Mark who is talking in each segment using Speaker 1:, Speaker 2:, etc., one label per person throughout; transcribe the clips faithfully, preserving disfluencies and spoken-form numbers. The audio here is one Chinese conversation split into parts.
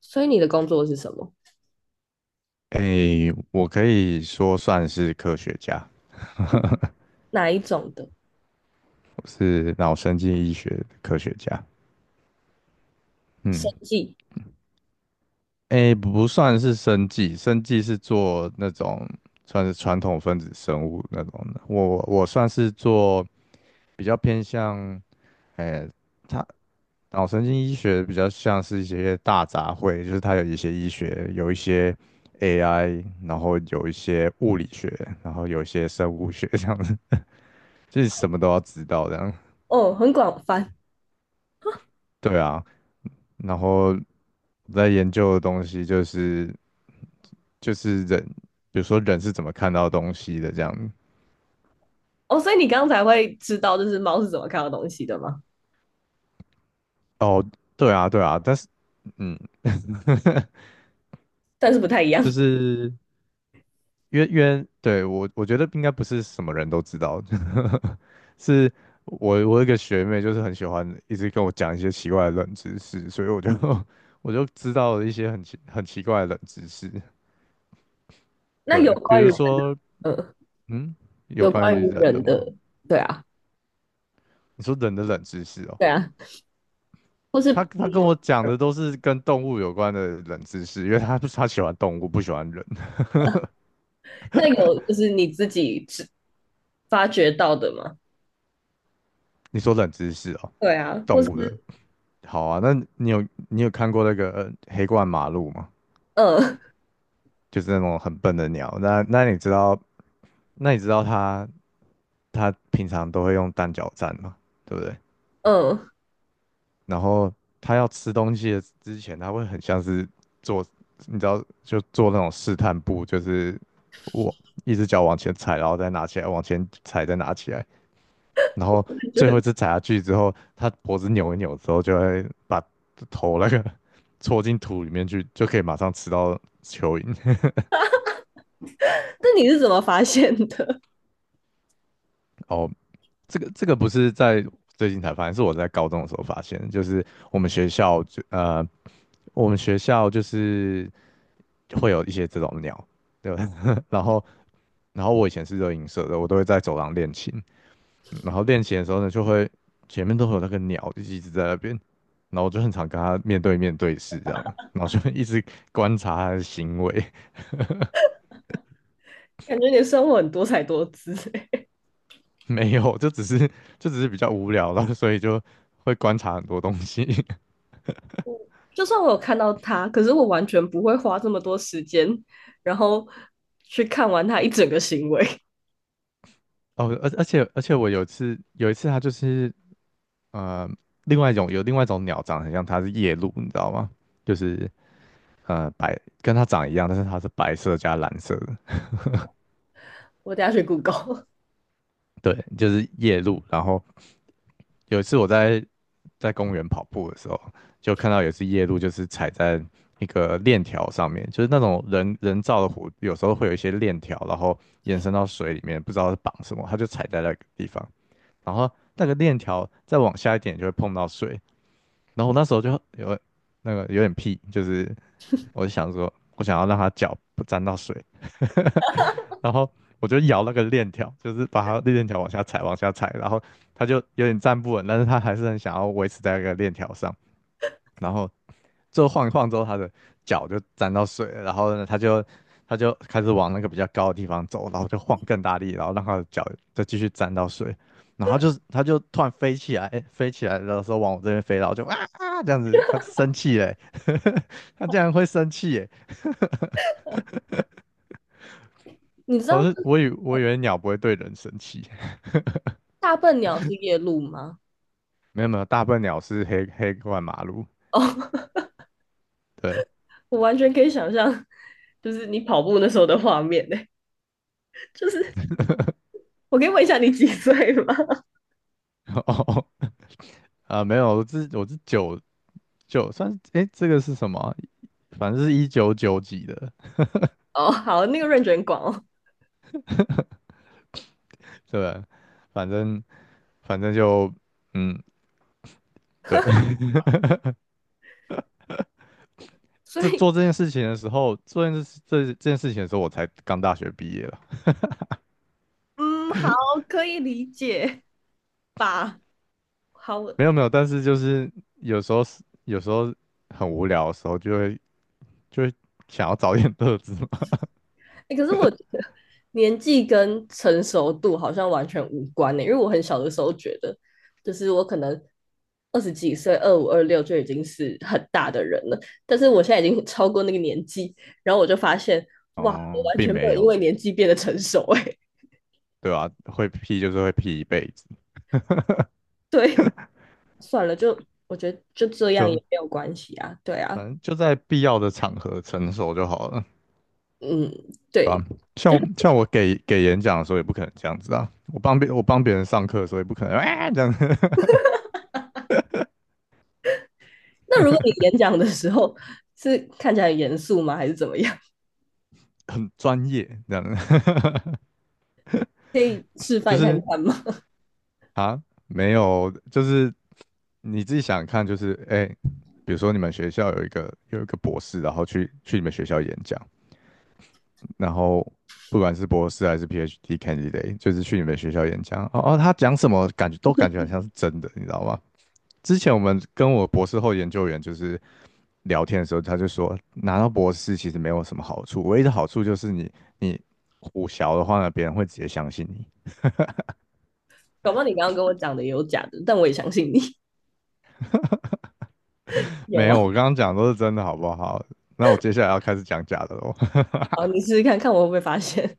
Speaker 1: 所以你的工作是什么？
Speaker 2: 诶，我可以说算是科学家，
Speaker 1: 哪一种的？
Speaker 2: 我是脑神经医学的科学家。
Speaker 1: 生
Speaker 2: 嗯，
Speaker 1: 计？
Speaker 2: 诶，不算是生技，生技是做那种算是传统分子生物那种的。我我算是做比较偏向，诶，它脑神经医学比较像是一些大杂烩，就是它有一些医学，有一些 A I，然后有一些物理学，然后有一些生物学这样子，就是什么都要知道这样。
Speaker 1: 哦，很广泛
Speaker 2: 对啊，然后我在研究的东西就是就是人，比如说人是怎么看到东西的这样。
Speaker 1: 哦。所以你刚才会知道，这是猫是怎么看到东西的吗？
Speaker 2: 哦，对啊，对啊，但是嗯，
Speaker 1: 但是不太一
Speaker 2: 就
Speaker 1: 样。
Speaker 2: 是因为因为对我我觉得应该不是什么人都知道，是我我有一个学妹就是很喜欢一直跟我讲一些奇怪的冷知识，所以我就 我就知道了一些很奇很奇怪的冷知识。
Speaker 1: 那有
Speaker 2: 对，比
Speaker 1: 关于
Speaker 2: 如
Speaker 1: 人，
Speaker 2: 说
Speaker 1: 嗯，
Speaker 2: 嗯，有
Speaker 1: 有
Speaker 2: 关
Speaker 1: 关
Speaker 2: 于
Speaker 1: 于
Speaker 2: 人的
Speaker 1: 人
Speaker 2: 吗？
Speaker 1: 的，对啊，
Speaker 2: 你说人的冷知识哦。
Speaker 1: 对啊，或是
Speaker 2: 他他
Speaker 1: 平
Speaker 2: 跟
Speaker 1: 常
Speaker 2: 我讲
Speaker 1: 人，
Speaker 2: 的都是跟动物有关的冷知识，因为他他喜欢动物，不喜欢人。
Speaker 1: 那有就是你自己知发掘到的吗？
Speaker 2: 你说冷知识哦，
Speaker 1: 对啊，或
Speaker 2: 动
Speaker 1: 是
Speaker 2: 物的。好啊，那你有你有看过那个呃黑冠马鹭吗？
Speaker 1: 嗯
Speaker 2: 就是那种很笨的鸟。那那你知道，那你知道它它平常都会用单脚站嘛，对不对？
Speaker 1: 嗯，
Speaker 2: 然后它要吃东西的之前，它会很像是做，你知道，就做那种试探步，就是我一只脚往前踩，然后再拿起来，往前踩，再拿起来。然后
Speaker 1: 感
Speaker 2: 最后一
Speaker 1: 觉
Speaker 2: 次踩下去之后，它脖子扭一扭之后，就会把头那个 戳进土里面去，就可以马上吃到蚯蚓。
Speaker 1: 那你是怎么发现的？
Speaker 2: 哦，这个这个不是在最近才发现，是我在高中的时候发现的，就是我们学校就呃，我们学校就是会有一些这种鸟，对吧？然后然后我以前是热音社的，我都会在走廊练琴，然后练琴的时候呢，就会前面都会有那个鸟一直在那边，然后我就很常跟它面对面对视这样，然后就一直观察它的行为，
Speaker 1: 感觉你的生活很多才多姿欸。
Speaker 2: 没有，就只是就只是比较无聊了，所以就会观察很多东西。
Speaker 1: 就算我有看到它，可是我完全不会花这么多时间，然后去看完它一整个行为。
Speaker 2: 哦，而而且而且我有一次有一次它就是呃另外一种有另外一种鸟长得很像它是夜鹭，你知道吗？就是呃白跟它长一样，但是它是白色加蓝色的，
Speaker 1: 我等一下去 Google。
Speaker 2: 对，就是夜鹭，然后。有一次我在在公园跑步的时候，就看到有一次夜路，就是踩在一个链条上面，就是那种人人造的湖，有时候会有一些链条，然后延伸到水里面，不知道是绑什么，他就踩在那个地方，然后那个链条再往下一点就会碰到水，然后我那时候就有那个有点屁，就是我就想说，我想要让它脚不沾到水，然后我就摇那个链条，就是把它链条往下踩，往下踩，然后它就有点站不稳，但是它还是很想要维持在那个链条上，然后最后晃一晃之后，他的脚就沾到水了然后呢，他就他就开始往那个比较高的地方走，然后就晃更大力，然后让他的脚再继续沾到水，然后就是他就突然飞起来，诶飞起来的时候往我这边飞，然后就啊啊这样子，他就生气嘞，他竟然会生气耶！
Speaker 1: 你知
Speaker 2: 我
Speaker 1: 道
Speaker 2: 是我以我以为鸟不会对人生气，
Speaker 1: 大笨鸟是夜鹭吗？
Speaker 2: 没有没有，大笨鸟是黑黑过马路，
Speaker 1: 哦、oh，
Speaker 2: 对，
Speaker 1: 我完全可以想象，就是你跑步那时候的画面呢、就是我可以问一下你几岁吗？
Speaker 2: 哦哦，啊没有，我是我是酒就算哎，这个是什么啊反正是一九九几的，
Speaker 1: 哦，oh， 好，那个 r a n 很广哦。
Speaker 2: 对，反正反正就嗯，对，
Speaker 1: 所
Speaker 2: 这
Speaker 1: 以
Speaker 2: 做这件事情的时候，做这件事这这件事情的时候，我才刚大学毕业了，
Speaker 1: 嗯，好，可以理解吧？好，
Speaker 2: 没有没有，但是就是有时候是有时候很无聊的时候，就会就会想要找点乐子嘛，
Speaker 1: 欸可是我觉得年纪跟成熟度好像完全无关呢、欸因为我很小的时候觉得，就是我可能二十几岁、二五、二六就已经是很大的人了，但是我现在已经超过那个年纪，然后我就发现，哇，我
Speaker 2: 哦，
Speaker 1: 完
Speaker 2: 并
Speaker 1: 全没有
Speaker 2: 没
Speaker 1: 因
Speaker 2: 有，
Speaker 1: 为年纪变得成熟哎、欸
Speaker 2: 对吧、会 P 就是会 P 一辈子，
Speaker 1: 对，算了，就我觉得就这样也
Speaker 2: 就
Speaker 1: 没有关系啊，对
Speaker 2: 反
Speaker 1: 啊，
Speaker 2: 正就在必要的场合成熟就好了。
Speaker 1: 嗯，对，
Speaker 2: 啊，吧？
Speaker 1: 就
Speaker 2: 像像我给给演讲的时候也不可能这样子啊，我帮别我帮别人上课的时候也不可能啊这样，
Speaker 1: 那如果你演讲的时候是看起来很严肃吗？还是怎么样？
Speaker 2: 很专业这样，
Speaker 1: 可以示
Speaker 2: 就
Speaker 1: 范看
Speaker 2: 是
Speaker 1: 看吗？
Speaker 2: 啊没有，就是你自己想想看，就是哎、比如说你们学校有一个有一个博士，然后去去你们学校演讲，然后不管是博士还是 P H D candidate，就是去你们学校演讲，哦哦，他讲什么感觉都感觉好像是真的，你知道吗？之前我们跟我博士后研究员就是聊天的时候，他就说拿到博士其实没有什么好处，唯一的好处就是你你胡淆的话呢，别人会直接相信你。
Speaker 1: 宝宝，你刚刚跟我讲的也有假的，但我也相信你 有
Speaker 2: 没
Speaker 1: 吗？
Speaker 2: 有，我刚刚讲的都是真的，好不好？那我接下来要开始讲假的喽。
Speaker 1: 好，你试试看看我会不会发现。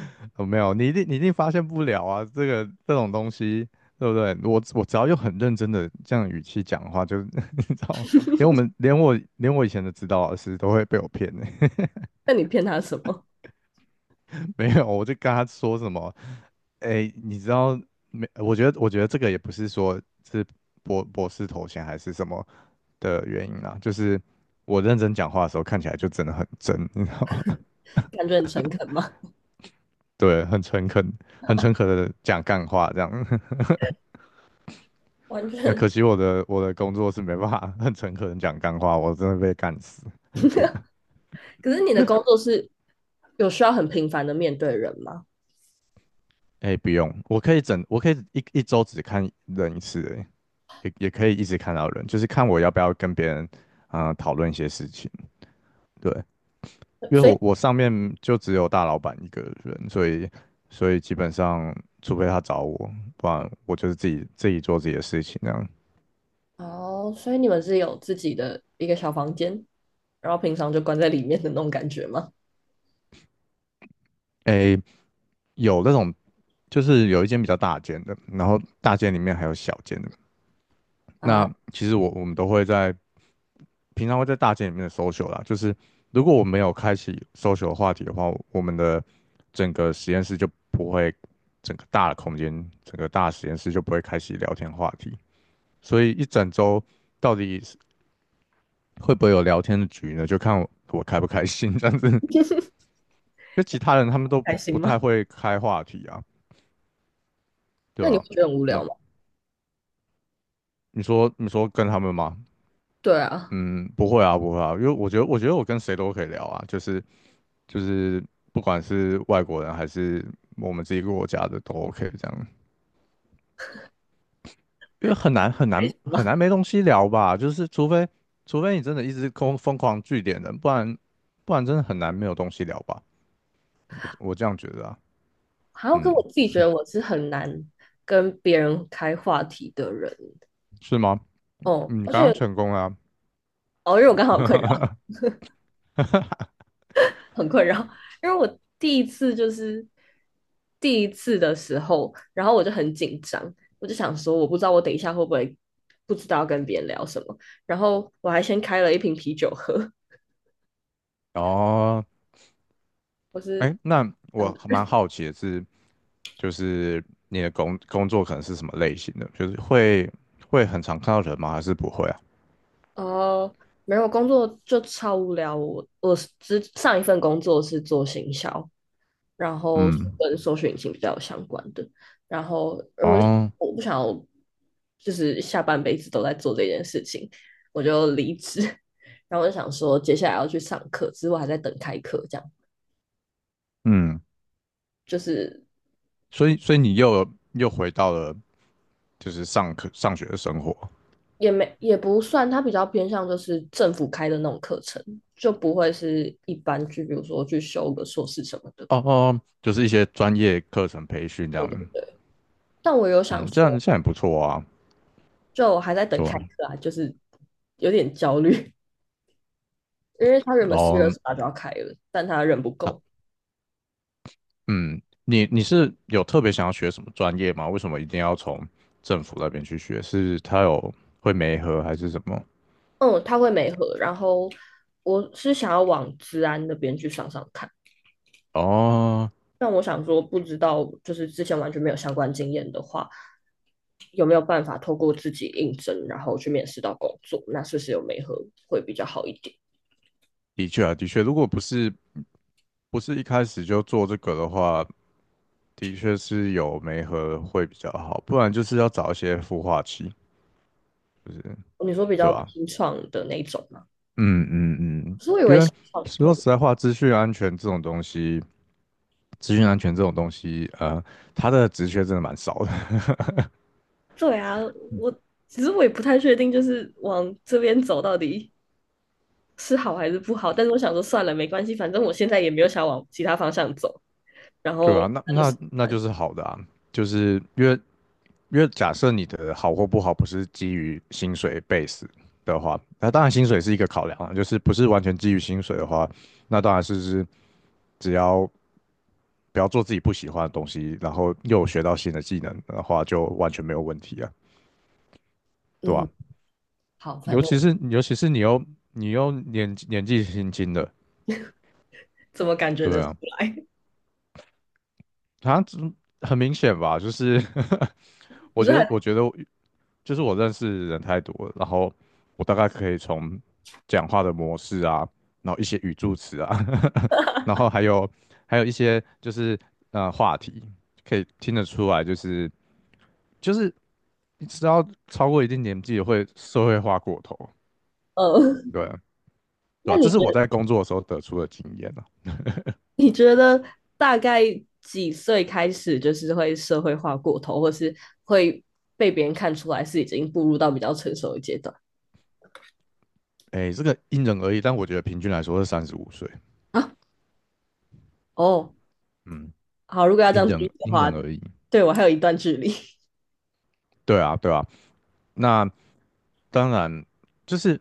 Speaker 2: 我没有，你一定你一定发现不了啊，这个这种东西，对不对？我我只要用很认真的这样语气讲话，就 你知道吗？连我们连我连我以前的指导老师都会被我骗呢、
Speaker 1: 那你骗他什么？
Speaker 2: 没有，我就跟他说什么，哎，你知道没？我觉得，我觉得这个也不是说是博博士头衔还是什么的原因啦，就是我认真讲话的时候看起来就真的很真，你知道吗？
Speaker 1: 感觉很诚恳吗？
Speaker 2: 对，很诚恳，很诚恳的讲干话这样。
Speaker 1: 完
Speaker 2: 那
Speaker 1: 全
Speaker 2: 可惜我的我的工作是没办法很诚恳的讲干话，我真的被干死。
Speaker 1: 可是你的工作是有需要很频繁的面对人吗？
Speaker 2: 哎，不用，我可以整，我可以一一周只看人一次，哎，也也可以一直看到人，就是看我要不要跟别人啊、呃讨论一些事情。对，因为
Speaker 1: 所以
Speaker 2: 我我上面就只有大老板一个人，所以所以基本上，除非他找我，不然我就是自己自己做自己的事情这样。
Speaker 1: 哦，所以你们是有自己的一个小房间，然后平常就关在里面的那种感觉吗？
Speaker 2: 诶，有那种就是有一间比较大间的，然后大间里面还有小间的。
Speaker 1: 啊，
Speaker 2: 那其实我我们都会在平常会在大间里面的 social 啦，就是如果我没有开启 social 的话题的话，我们的整个实验室就不会，整个大的空间，整个大实验室就不会开启聊天话题。所以一整周到底会不会有聊天的局呢？就看我我开不开心 这样子。就其他人他们都
Speaker 1: 开
Speaker 2: 不
Speaker 1: 心
Speaker 2: 不太
Speaker 1: 吗？
Speaker 2: 会开话题啊，对
Speaker 1: 那你
Speaker 2: 吧、
Speaker 1: 会觉得很无聊
Speaker 2: 那
Speaker 1: 吗？
Speaker 2: 你说你说跟他们吗？
Speaker 1: 对啊，
Speaker 2: 嗯，不会啊，不会啊，因为我觉得我觉得我跟谁都可以聊啊，就是就是不管是外国人还是我们自己国家的都 OK 这样，因为很难很
Speaker 1: 开
Speaker 2: 难
Speaker 1: 心
Speaker 2: 很
Speaker 1: 吗？
Speaker 2: 难没东西聊吧，就是除非除非你真的一直疯疯狂聚点人，不然不然真的很难没有东西聊吧，我我这样觉得啊，
Speaker 1: 还要
Speaker 2: 嗯，
Speaker 1: 跟我自己觉得我是很难跟别人开话题的人
Speaker 2: 是吗？
Speaker 1: 哦，
Speaker 2: 嗯你
Speaker 1: 而
Speaker 2: 刚刚
Speaker 1: 且
Speaker 2: 成功了啊
Speaker 1: 哦，因为我刚好有困扰，很困扰，因为我第一次就是第一次的时候，然后我就很紧张，我就想说，我不知道我等一下会不会不知道要跟别人聊什么，然后我还先开了一瓶啤酒喝，
Speaker 2: 哦，
Speaker 1: 我是
Speaker 2: 哎，那
Speaker 1: 这样
Speaker 2: 我
Speaker 1: 的
Speaker 2: 蛮
Speaker 1: 人
Speaker 2: 好奇的是，就是你的工工作可能是什么类型的？就是会会很常看到人吗？还是不会啊？
Speaker 1: 哦。没有，工作就超无聊，我我之上一份工作是做行销，然后
Speaker 2: 嗯，
Speaker 1: 跟搜寻引擎比较有相关的。然后呃我就
Speaker 2: 哦，
Speaker 1: 我不想要就是下半辈子都在做这件事情，我就离职。然后我就想说，接下来要去上课，之后还在等开课，这样
Speaker 2: 嗯，
Speaker 1: 就是
Speaker 2: 所以所以你又又回到了就是上课上学的生活
Speaker 1: 也没也不算，它比较偏向就是政府开的那种课程，就不会是一般去，比如说去修个硕士什么的。
Speaker 2: 哦哦，就是一些专业课程培训这
Speaker 1: 我就
Speaker 2: 样，
Speaker 1: 但我有想
Speaker 2: 嗯，这样
Speaker 1: 说，
Speaker 2: 这样也不错啊，
Speaker 1: 就我还在等
Speaker 2: 对
Speaker 1: 开
Speaker 2: 吧？
Speaker 1: 课啊，就是有点焦虑，因为他原
Speaker 2: 然
Speaker 1: 本四月二
Speaker 2: 后。
Speaker 1: 十八就要开了，但他人不够。
Speaker 2: 嗯，你你是有特别想要学什么专业吗？为什么一定要从政府那边去学？是他有会媒合还是什么？
Speaker 1: 嗯，他会没合，然后我是想要往治安那边去上上看，
Speaker 2: 哦，
Speaker 1: 但我想说，不知道就是之前完全没有相关经验的话，有没有办法透过自己应征，然后去面试到工作？那是不是有媒合会比较好一点？
Speaker 2: 的确啊，的确，如果不是不是一开始就做这个的话，的确是有媒合会比较好，不然就是要找一些孵化器，就是
Speaker 1: 你说比
Speaker 2: 对
Speaker 1: 较
Speaker 2: 吧？
Speaker 1: 新创的那种吗？
Speaker 2: 嗯嗯嗯，
Speaker 1: 可是我以
Speaker 2: 因
Speaker 1: 为
Speaker 2: 为
Speaker 1: 新创
Speaker 2: 说
Speaker 1: 会
Speaker 2: 实在话，资讯安全这种东西，资讯安全这种东西，呃，它的职缺真的蛮少的，
Speaker 1: 对啊，我其实我也不太确定，就是往这边走到底是好还是不好。但是我想说，算了，没关系，反正我现在也没有想往其他方向走，然
Speaker 2: 对
Speaker 1: 后
Speaker 2: 啊，那
Speaker 1: 那就是。
Speaker 2: 那那就是好的啊，就是因为因为假设你的好或不好不是基于薪水 base 的话，那当然薪水是一个考量啊，就是不是完全基于薪水的话，那当然是是只要不要做自己不喜欢的东西，然后又有学到新的技能的话，就完全没有问题啊，对
Speaker 1: 嗯，
Speaker 2: 吧、
Speaker 1: 好，反
Speaker 2: 尤
Speaker 1: 正
Speaker 2: 其
Speaker 1: 我
Speaker 2: 是尤其是你又你又年年纪轻轻的，
Speaker 1: 怎么感觉
Speaker 2: 对
Speaker 1: 得出
Speaker 2: 啊，
Speaker 1: 来？
Speaker 2: 他很明显吧，就是
Speaker 1: 你
Speaker 2: 我
Speaker 1: 说
Speaker 2: 觉得，
Speaker 1: 还，
Speaker 2: 我觉得就是我认识人太多了，然后我大概可以从讲话的模式啊，然后一些语助词啊，然后还有还有一些就是呃话题，可以听得出来，就是就是你知道超过一定年纪会社会化过头，
Speaker 1: 呃
Speaker 2: 对 对
Speaker 1: 那
Speaker 2: 吧、
Speaker 1: 你
Speaker 2: 这
Speaker 1: 觉
Speaker 2: 是我
Speaker 1: 得
Speaker 2: 在工作的时候得出的经验啊。
Speaker 1: 你觉得大概几岁开始就是会社会化过头，或是会被别人看出来是已经步入到比较成熟的阶段
Speaker 2: 哎，这个因人而异，但我觉得平均来说是三十五岁，
Speaker 1: 啊？哦，
Speaker 2: 嗯，
Speaker 1: 好，如果要这
Speaker 2: 因
Speaker 1: 样比
Speaker 2: 人
Speaker 1: 的
Speaker 2: 因
Speaker 1: 话，
Speaker 2: 人而异。
Speaker 1: 对我还有一段距离。
Speaker 2: 对啊，对啊，那当然就是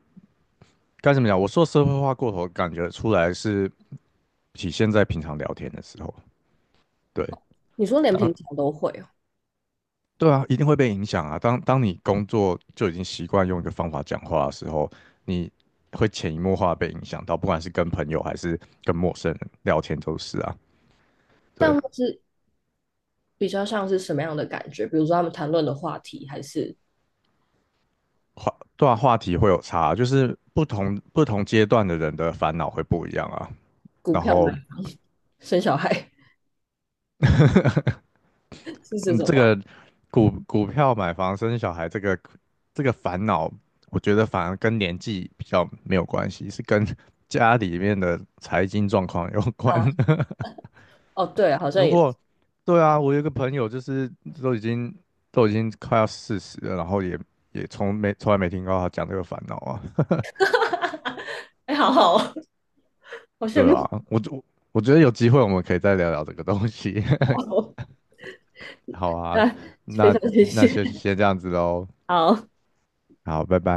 Speaker 2: 该怎么讲？我说社会化过头，感觉出来是体现在平常聊天的时候。对，
Speaker 1: 你说连
Speaker 2: 当
Speaker 1: 平常都会哦，
Speaker 2: 对啊，一定会被影响啊。当当你工作就已经习惯用一个方法讲话的时候，你会潜移默化地被影响到，不管是跟朋友还是跟陌生人聊天都是啊。对，
Speaker 1: 但会是比较像是什么样的感觉？比如说他们谈论的话题，还是
Speaker 2: 话对啊，话题会有差啊，就是不同不同阶段的人的烦恼会不一样啊。
Speaker 1: 股
Speaker 2: 然
Speaker 1: 票吗？
Speaker 2: 后
Speaker 1: 生小孩，是这
Speaker 2: 嗯，
Speaker 1: 种
Speaker 2: 这
Speaker 1: 吗？
Speaker 2: 个股股票买房生小孩这个这个烦恼，我觉得反而跟年纪比较没有关系，是跟 家里面的财经状况有关。
Speaker 1: 啊，哦，对，好像
Speaker 2: 如
Speaker 1: 也是，
Speaker 2: 果对啊，我有一个朋友就是都已经都已经快要四十了，然后也也从没从来没听过他讲这个烦恼啊。
Speaker 1: 哎、好好哦，好 羡
Speaker 2: 对啊，
Speaker 1: 慕。
Speaker 2: 我我我觉得有机会我们可以再聊聊这个东西。好啊，
Speaker 1: 那非
Speaker 2: 那
Speaker 1: 常谢
Speaker 2: 那
Speaker 1: 谢，
Speaker 2: 就先这样子喽。
Speaker 1: 好。
Speaker 2: 好，拜拜。